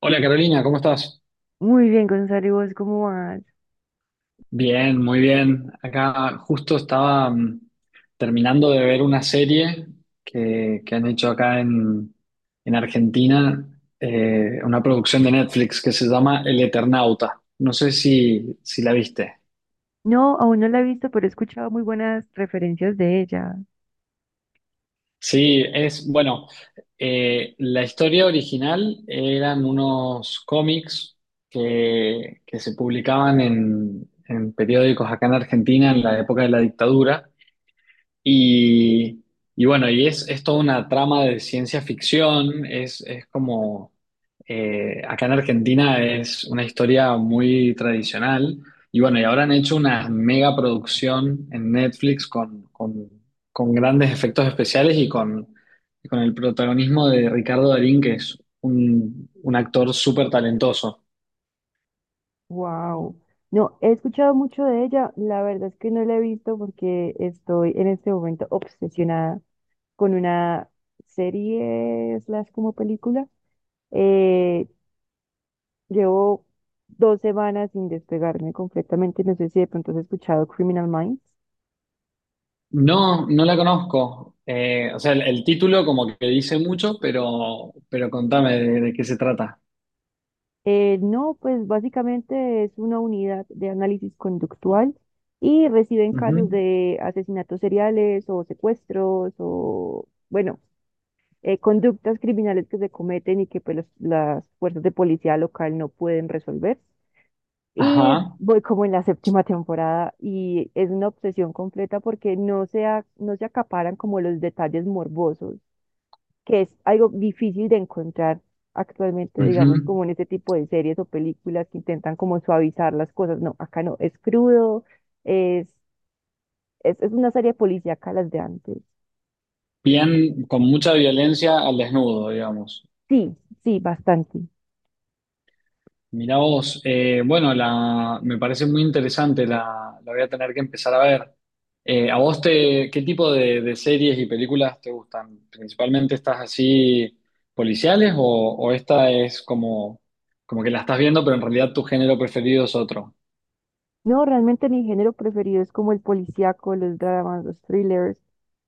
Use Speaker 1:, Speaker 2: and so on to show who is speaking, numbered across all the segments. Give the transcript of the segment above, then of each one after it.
Speaker 1: Hola Carolina, ¿cómo estás?
Speaker 2: Muy bien, Gonzalo, ¿y vos cómo vas?
Speaker 1: Bien, muy bien. Acá justo estaba terminando de ver una serie que han hecho acá en Argentina, una producción de Netflix que se llama El Eternauta. No sé si la viste.
Speaker 2: No, aún no la he visto, pero he escuchado muy buenas referencias de ella.
Speaker 1: Sí, es, bueno, la historia original eran unos cómics que se publicaban en periódicos acá en Argentina en la época de la dictadura. Y, y bueno, y es toda una trama de ciencia ficción, es como, acá en Argentina es una historia muy tradicional, y bueno, y ahora han hecho una mega producción en Netflix con grandes efectos especiales y con el protagonismo de Ricardo Darín, que es un actor súper talentoso.
Speaker 2: Wow. No, he escuchado mucho de ella. La verdad es que no la he visto porque estoy en este momento obsesionada con una serie slash como película. Eh, Llevo 2 semanas sin despegarme completamente. No sé si de pronto has escuchado Criminal Minds.
Speaker 1: No, no la conozco. O sea, el título como que dice mucho, pero contame de qué se trata.
Speaker 2: No, pues básicamente es una unidad de análisis conductual y reciben
Speaker 1: Ujú.
Speaker 2: casos de asesinatos seriales o secuestros o, bueno, conductas criminales que se cometen y que pues, las fuerzas de policía local no pueden resolver. Y
Speaker 1: Ajá.
Speaker 2: voy como en la séptima temporada y es una obsesión completa porque no se, no se acaparan como los detalles morbosos, que es algo difícil de encontrar actualmente, digamos,
Speaker 1: Ujú.
Speaker 2: como en este tipo de series o películas que intentan como suavizar las cosas. No, acá no, es crudo, es, es una serie policíaca las de antes.
Speaker 1: Bien, con mucha violencia al desnudo, digamos.
Speaker 2: Sí, sí, bastante.
Speaker 1: Mirá vos, bueno, la, me parece muy interesante, la voy a tener que empezar a ver. ¿A vos te, qué tipo de series y películas te gustan? ¿Principalmente estás así policiales o esta es como, como que la estás viendo, pero en realidad tu género preferido es otro?
Speaker 2: No, realmente mi género preferido es como el policíaco, los dramas, los thrillers,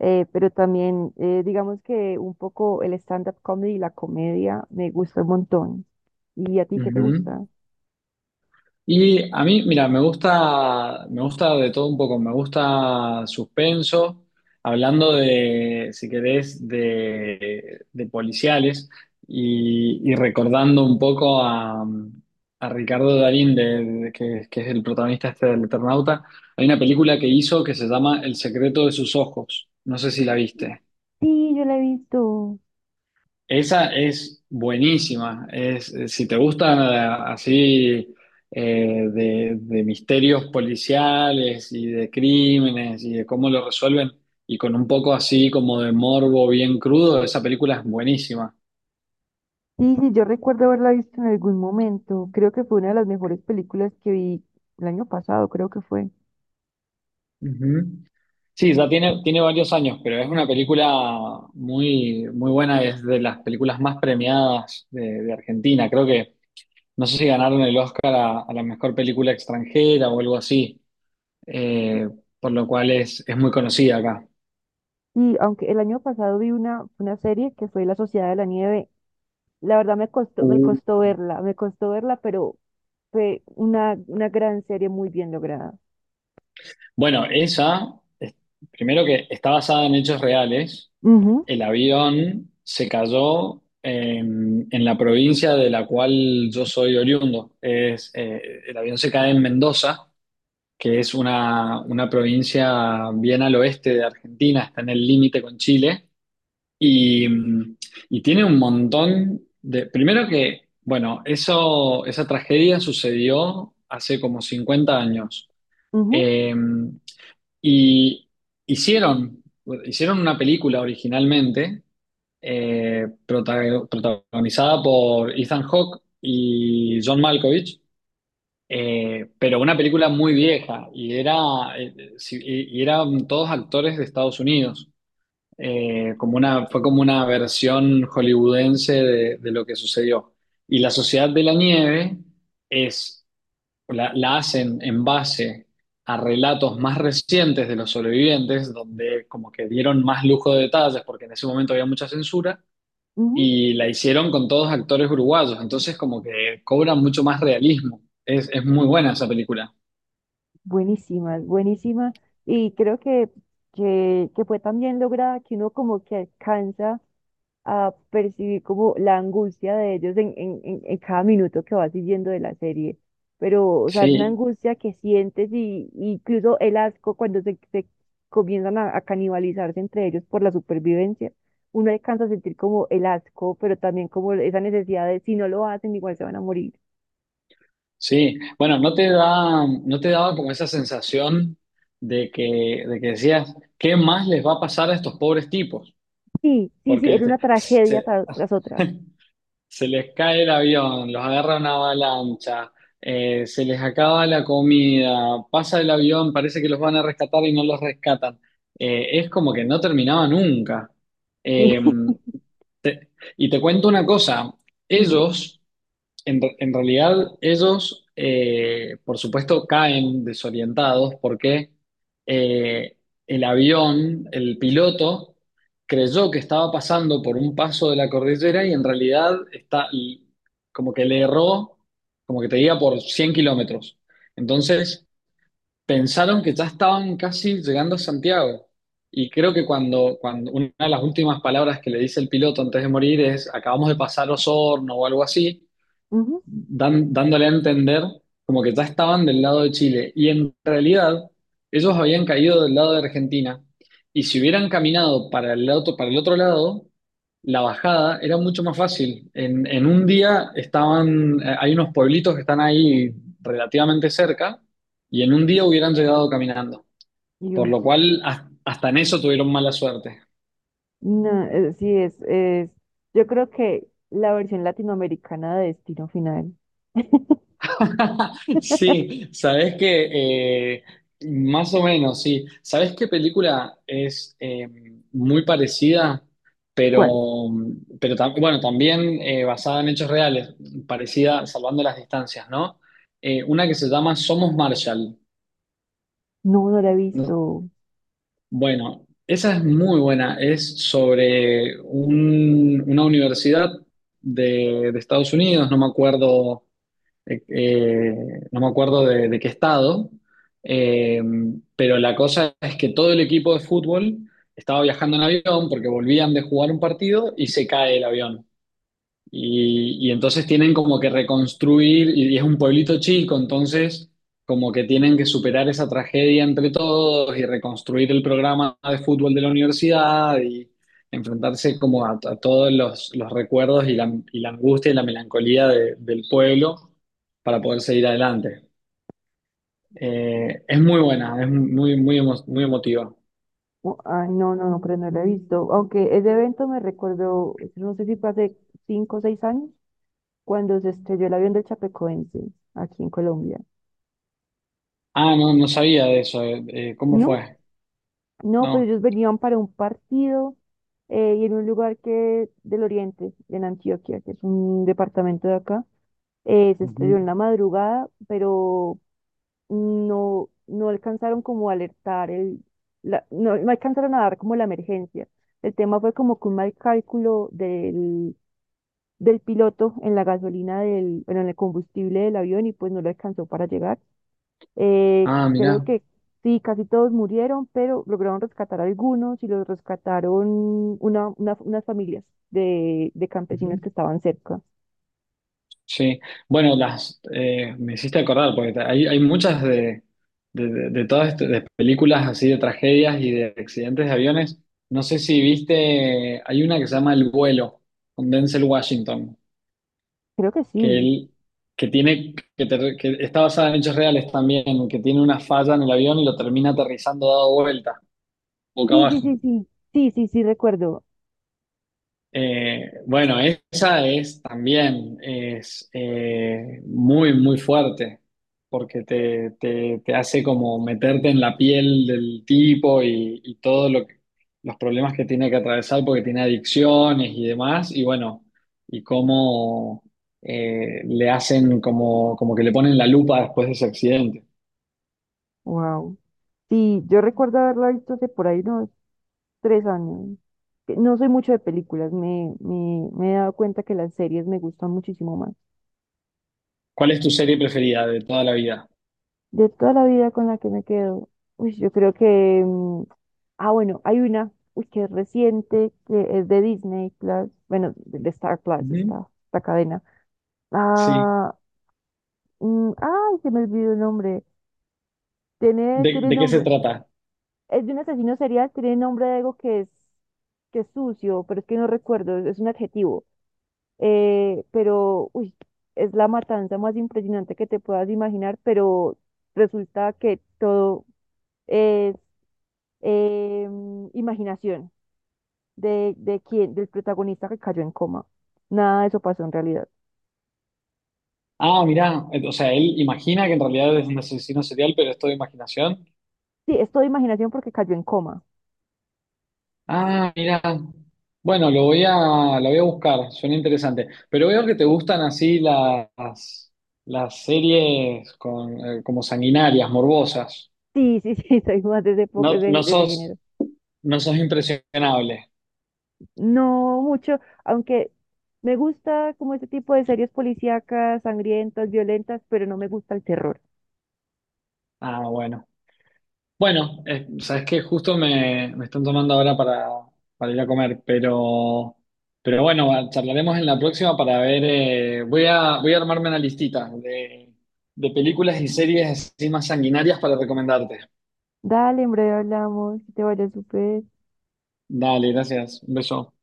Speaker 2: pero también digamos que un poco el stand-up comedy y la comedia me gusta un montón. ¿Y a ti qué te
Speaker 1: Ujú.
Speaker 2: gusta?
Speaker 1: Y a mí, mira, me gusta de todo un poco, me gusta suspenso, hablando de, si querés, de policiales y recordando un poco a Ricardo Darín, que es el protagonista este del Eternauta, hay una película que hizo que se llama El secreto de sus ojos, no sé si la viste.
Speaker 2: Sí, yo la he visto.
Speaker 1: Esa es buenísima. Es, si te gustan así, de misterios policiales y de crímenes y de cómo lo resuelven, y con un poco así como de morbo bien crudo, esa película es buenísima.
Speaker 2: Sí, sí, yo recuerdo haberla visto en algún momento. Creo que fue una de las mejores películas que vi el año pasado, creo que fue.
Speaker 1: Ujú. Sí, ya tiene, tiene varios años, pero es una película muy, muy buena, es de las películas más premiadas de Argentina. Creo que, no sé si ganaron el Oscar a la mejor película extranjera o algo así. eh, por lo cual es muy conocida acá.
Speaker 2: Y aunque el año pasado vi una serie que fue La Sociedad de la Nieve, la verdad me costó,
Speaker 1: Uh,
Speaker 2: me costó verla, pero fue una gran serie muy bien lograda.
Speaker 1: Bueno, esa, primero que está basada en hechos reales,
Speaker 2: Ujú,
Speaker 1: el avión se cayó en la provincia de la cual yo soy oriundo. Es, el avión se cae en Mendoza, que es una provincia bien al oeste de Argentina, está en el límite con Chile. Y, y tiene un montón de... Primero que, bueno, eso, esa tragedia sucedió hace como 50 años.
Speaker 2: ujú,
Speaker 1: Eh, y hicieron, hicieron una película originalmente protagonizada por Ethan Hawke y John Malkovich, pero una película muy vieja y era, y eran todos actores de Estados Unidos, como una, fue como una versión hollywoodense de lo que sucedió. Y la Sociedad de la Nieve es, la hacen en base a relatos más recientes de los sobrevivientes, donde como que dieron más lujo de detalles, porque en ese momento había mucha censura,
Speaker 2: ujú.
Speaker 1: y la hicieron con todos actores uruguayos, entonces como que cobra mucho más realismo. Es muy buena esa película.
Speaker 2: Buenísima, buenísima. Y creo que, que fue tan bien lograda que uno como que alcanza a percibir como la angustia de ellos en, en cada minuto que vas siguiendo de la serie. Pero, o sea, es una
Speaker 1: Sí,
Speaker 2: angustia que sientes y incluso el asco cuando se comienzan a canibalizarse entre ellos por la supervivencia. Uno alcanza a sentir como el asco, pero también como esa necesidad de si no lo hacen, igual se van a morir.
Speaker 1: sí, bueno, ¿no te da, no te daba como esa sensación de que decías, qué más les va a pasar a estos pobres tipos?
Speaker 2: Sí, sí, sí,
Speaker 1: Porque
Speaker 2: era
Speaker 1: viste,
Speaker 2: una tragedia
Speaker 1: se,
Speaker 2: tras, otra.
Speaker 1: se les cae el avión, los agarra una avalancha, se les acaba la comida, pasa el avión, parece que los van a rescatar y no los rescatan. Es como que no terminaba nunca. Eh,
Speaker 2: Sí,
Speaker 1: te- y te cuento una cosa,
Speaker 2: dime.
Speaker 1: ellos... en realidad, ellos, por supuesto, caen desorientados porque, eh, el avión, el piloto, creyó que estaba pasando por un paso de la cordillera y en realidad está como que le erró, como que te diga, por 100 kilómetros. Entonces, pensaron que ya estaban casi llegando a Santiago. Y creo que cuando una de las últimas palabras que le dice el piloto antes de morir es, acabamos de pasar Osorno o algo así,
Speaker 2: Ujú.
Speaker 1: dándole a entender como que ya estaban del lado de Chile. Y en realidad, ellos habían caído del lado de Argentina. Y si hubieran caminado para el otro lado, la bajada era mucho más fácil. En un día estaban, hay unos pueblitos que están ahí relativamente cerca, y en un día hubieran llegado caminando. Por lo
Speaker 2: Dios.
Speaker 1: cual, hasta en eso tuvieron mala suerte.
Speaker 2: No, sí es, es. Yo creo que la versión latinoamericana de Destino Final.
Speaker 1: Sí, sabes que, más o menos, sí. ¿Sabes qué película es, muy parecida, pero,
Speaker 2: ¿Cuál?
Speaker 1: bueno, también, basada en hechos reales, parecida salvando las distancias, ¿no? Una que se llama Somos Marshall.
Speaker 2: No, no la he visto.
Speaker 1: No. Bueno, esa es muy buena. Es sobre una universidad de Estados Unidos, no me acuerdo, eh, eh, no me acuerdo de qué estado, eh, pero la cosa es que todo el equipo de fútbol estaba viajando en avión porque volvían de jugar un partido y se cae el avión. Y entonces tienen como que reconstruir, y es un pueblito chico, entonces como que tienen que superar esa tragedia entre todos y reconstruir el programa de fútbol de la universidad y enfrentarse como a todos los recuerdos y la angustia y la melancolía del pueblo para poder seguir adelante. Es muy buena, es muy, muy, muy emotiva.
Speaker 2: Oh, ah, no, no, no, pero no la he visto. Aunque ese evento me recordó, no sé si fue hace 5 o 6 años, cuando se estrelló el avión del Chapecoense aquí en Colombia.
Speaker 1: Ah, no, no sabía de eso. ¿Cómo
Speaker 2: No,
Speaker 1: fue?
Speaker 2: no, pues
Speaker 1: No.
Speaker 2: ellos venían para un partido, y en un lugar que del Oriente, en Antioquia, que es un departamento de acá, se estrelló
Speaker 1: Ujú.
Speaker 2: en la madrugada, pero no, no alcanzaron como a alertar no, no alcanzaron a dar como la emergencia. El tema fue como que un mal cálculo del piloto en la gasolina del, bueno, en el combustible del avión y pues no lo alcanzó para llegar.
Speaker 1: Ah,
Speaker 2: Creo
Speaker 1: mirá.
Speaker 2: que sí, casi todos murieron, pero lograron rescatar algunos y los rescataron unas familias de campesinos
Speaker 1: Ujú.
Speaker 2: que estaban cerca.
Speaker 1: Sí, bueno, las, me hiciste acordar, porque hay muchas de todas estas de películas así de tragedias y de accidentes de aviones. No sé si viste, hay una que se llama El vuelo, con Denzel Washington,
Speaker 2: Creo que
Speaker 1: que
Speaker 2: sí.
Speaker 1: él, que tiene, que está basada en hechos reales también, que tiene una falla en el avión y lo termina aterrizando dado vuelta, boca
Speaker 2: Sí, sí,
Speaker 1: abajo.
Speaker 2: sí, sí. Sí, sí, sí, recuerdo.
Speaker 1: Bueno, esa es también es, muy, muy fuerte, porque te, te hace como meterte en la piel del tipo y todo los problemas que tiene que atravesar porque tiene adicciones y demás, y bueno, y cómo, le hacen como, como que le ponen la lupa después de ese accidente.
Speaker 2: Wow. Sí, yo recuerdo haberla visto hace por ahí unos 3 años. Que no soy mucho de películas, me he dado cuenta que las series me gustan muchísimo más.
Speaker 1: ¿Cuál es tu serie preferida de toda la vida?
Speaker 2: De toda la vida con la que me quedo, uy, yo creo que... ah, bueno, hay una, uy, que es reciente, que es de Disney Plus, bueno, de Star Plus,
Speaker 1: Ujú,
Speaker 2: esta cadena.
Speaker 1: sí.
Speaker 2: Ah, ay, se me olvidó el nombre. Tiene, tiene
Speaker 1: De qué se
Speaker 2: nombre.
Speaker 1: trata?
Speaker 2: Es de un asesino serial, tiene nombre de algo que es sucio, pero es que no recuerdo, es un adjetivo. Pero, uy, es la matanza más impresionante que te puedas imaginar, pero resulta que todo es imaginación de quién, del protagonista que cayó en coma. Nada de eso pasó en realidad.
Speaker 1: Ah, mirá, o sea, él imagina que en realidad es un asesino serial, pero es todo imaginación.
Speaker 2: Sí, es todo imaginación porque cayó en coma.
Speaker 1: Ah, mirá. Bueno, lo voy a buscar, suena interesante. Pero veo que te gustan así las series con, como sanguinarias, morbosas.
Speaker 2: Sí, sí, sí, soy más de ese,
Speaker 1: No, no
Speaker 2: de ese
Speaker 1: sos,
Speaker 2: género.
Speaker 1: no sos impresionable.
Speaker 2: No mucho, aunque me gusta como este tipo de series policíacas, sangrientas, violentas, pero no me gusta el terror.
Speaker 1: Ah, bueno. Bueno, sabes que justo me, me están tomando ahora para ir a comer, pero, charlaremos en la próxima para ver. Voy a, voy a armarme una listita de películas y series así más sanguinarias para recomendarte.
Speaker 2: Dale, en breve hablamos, que te vaya súper.
Speaker 1: Dale, gracias. Un beso.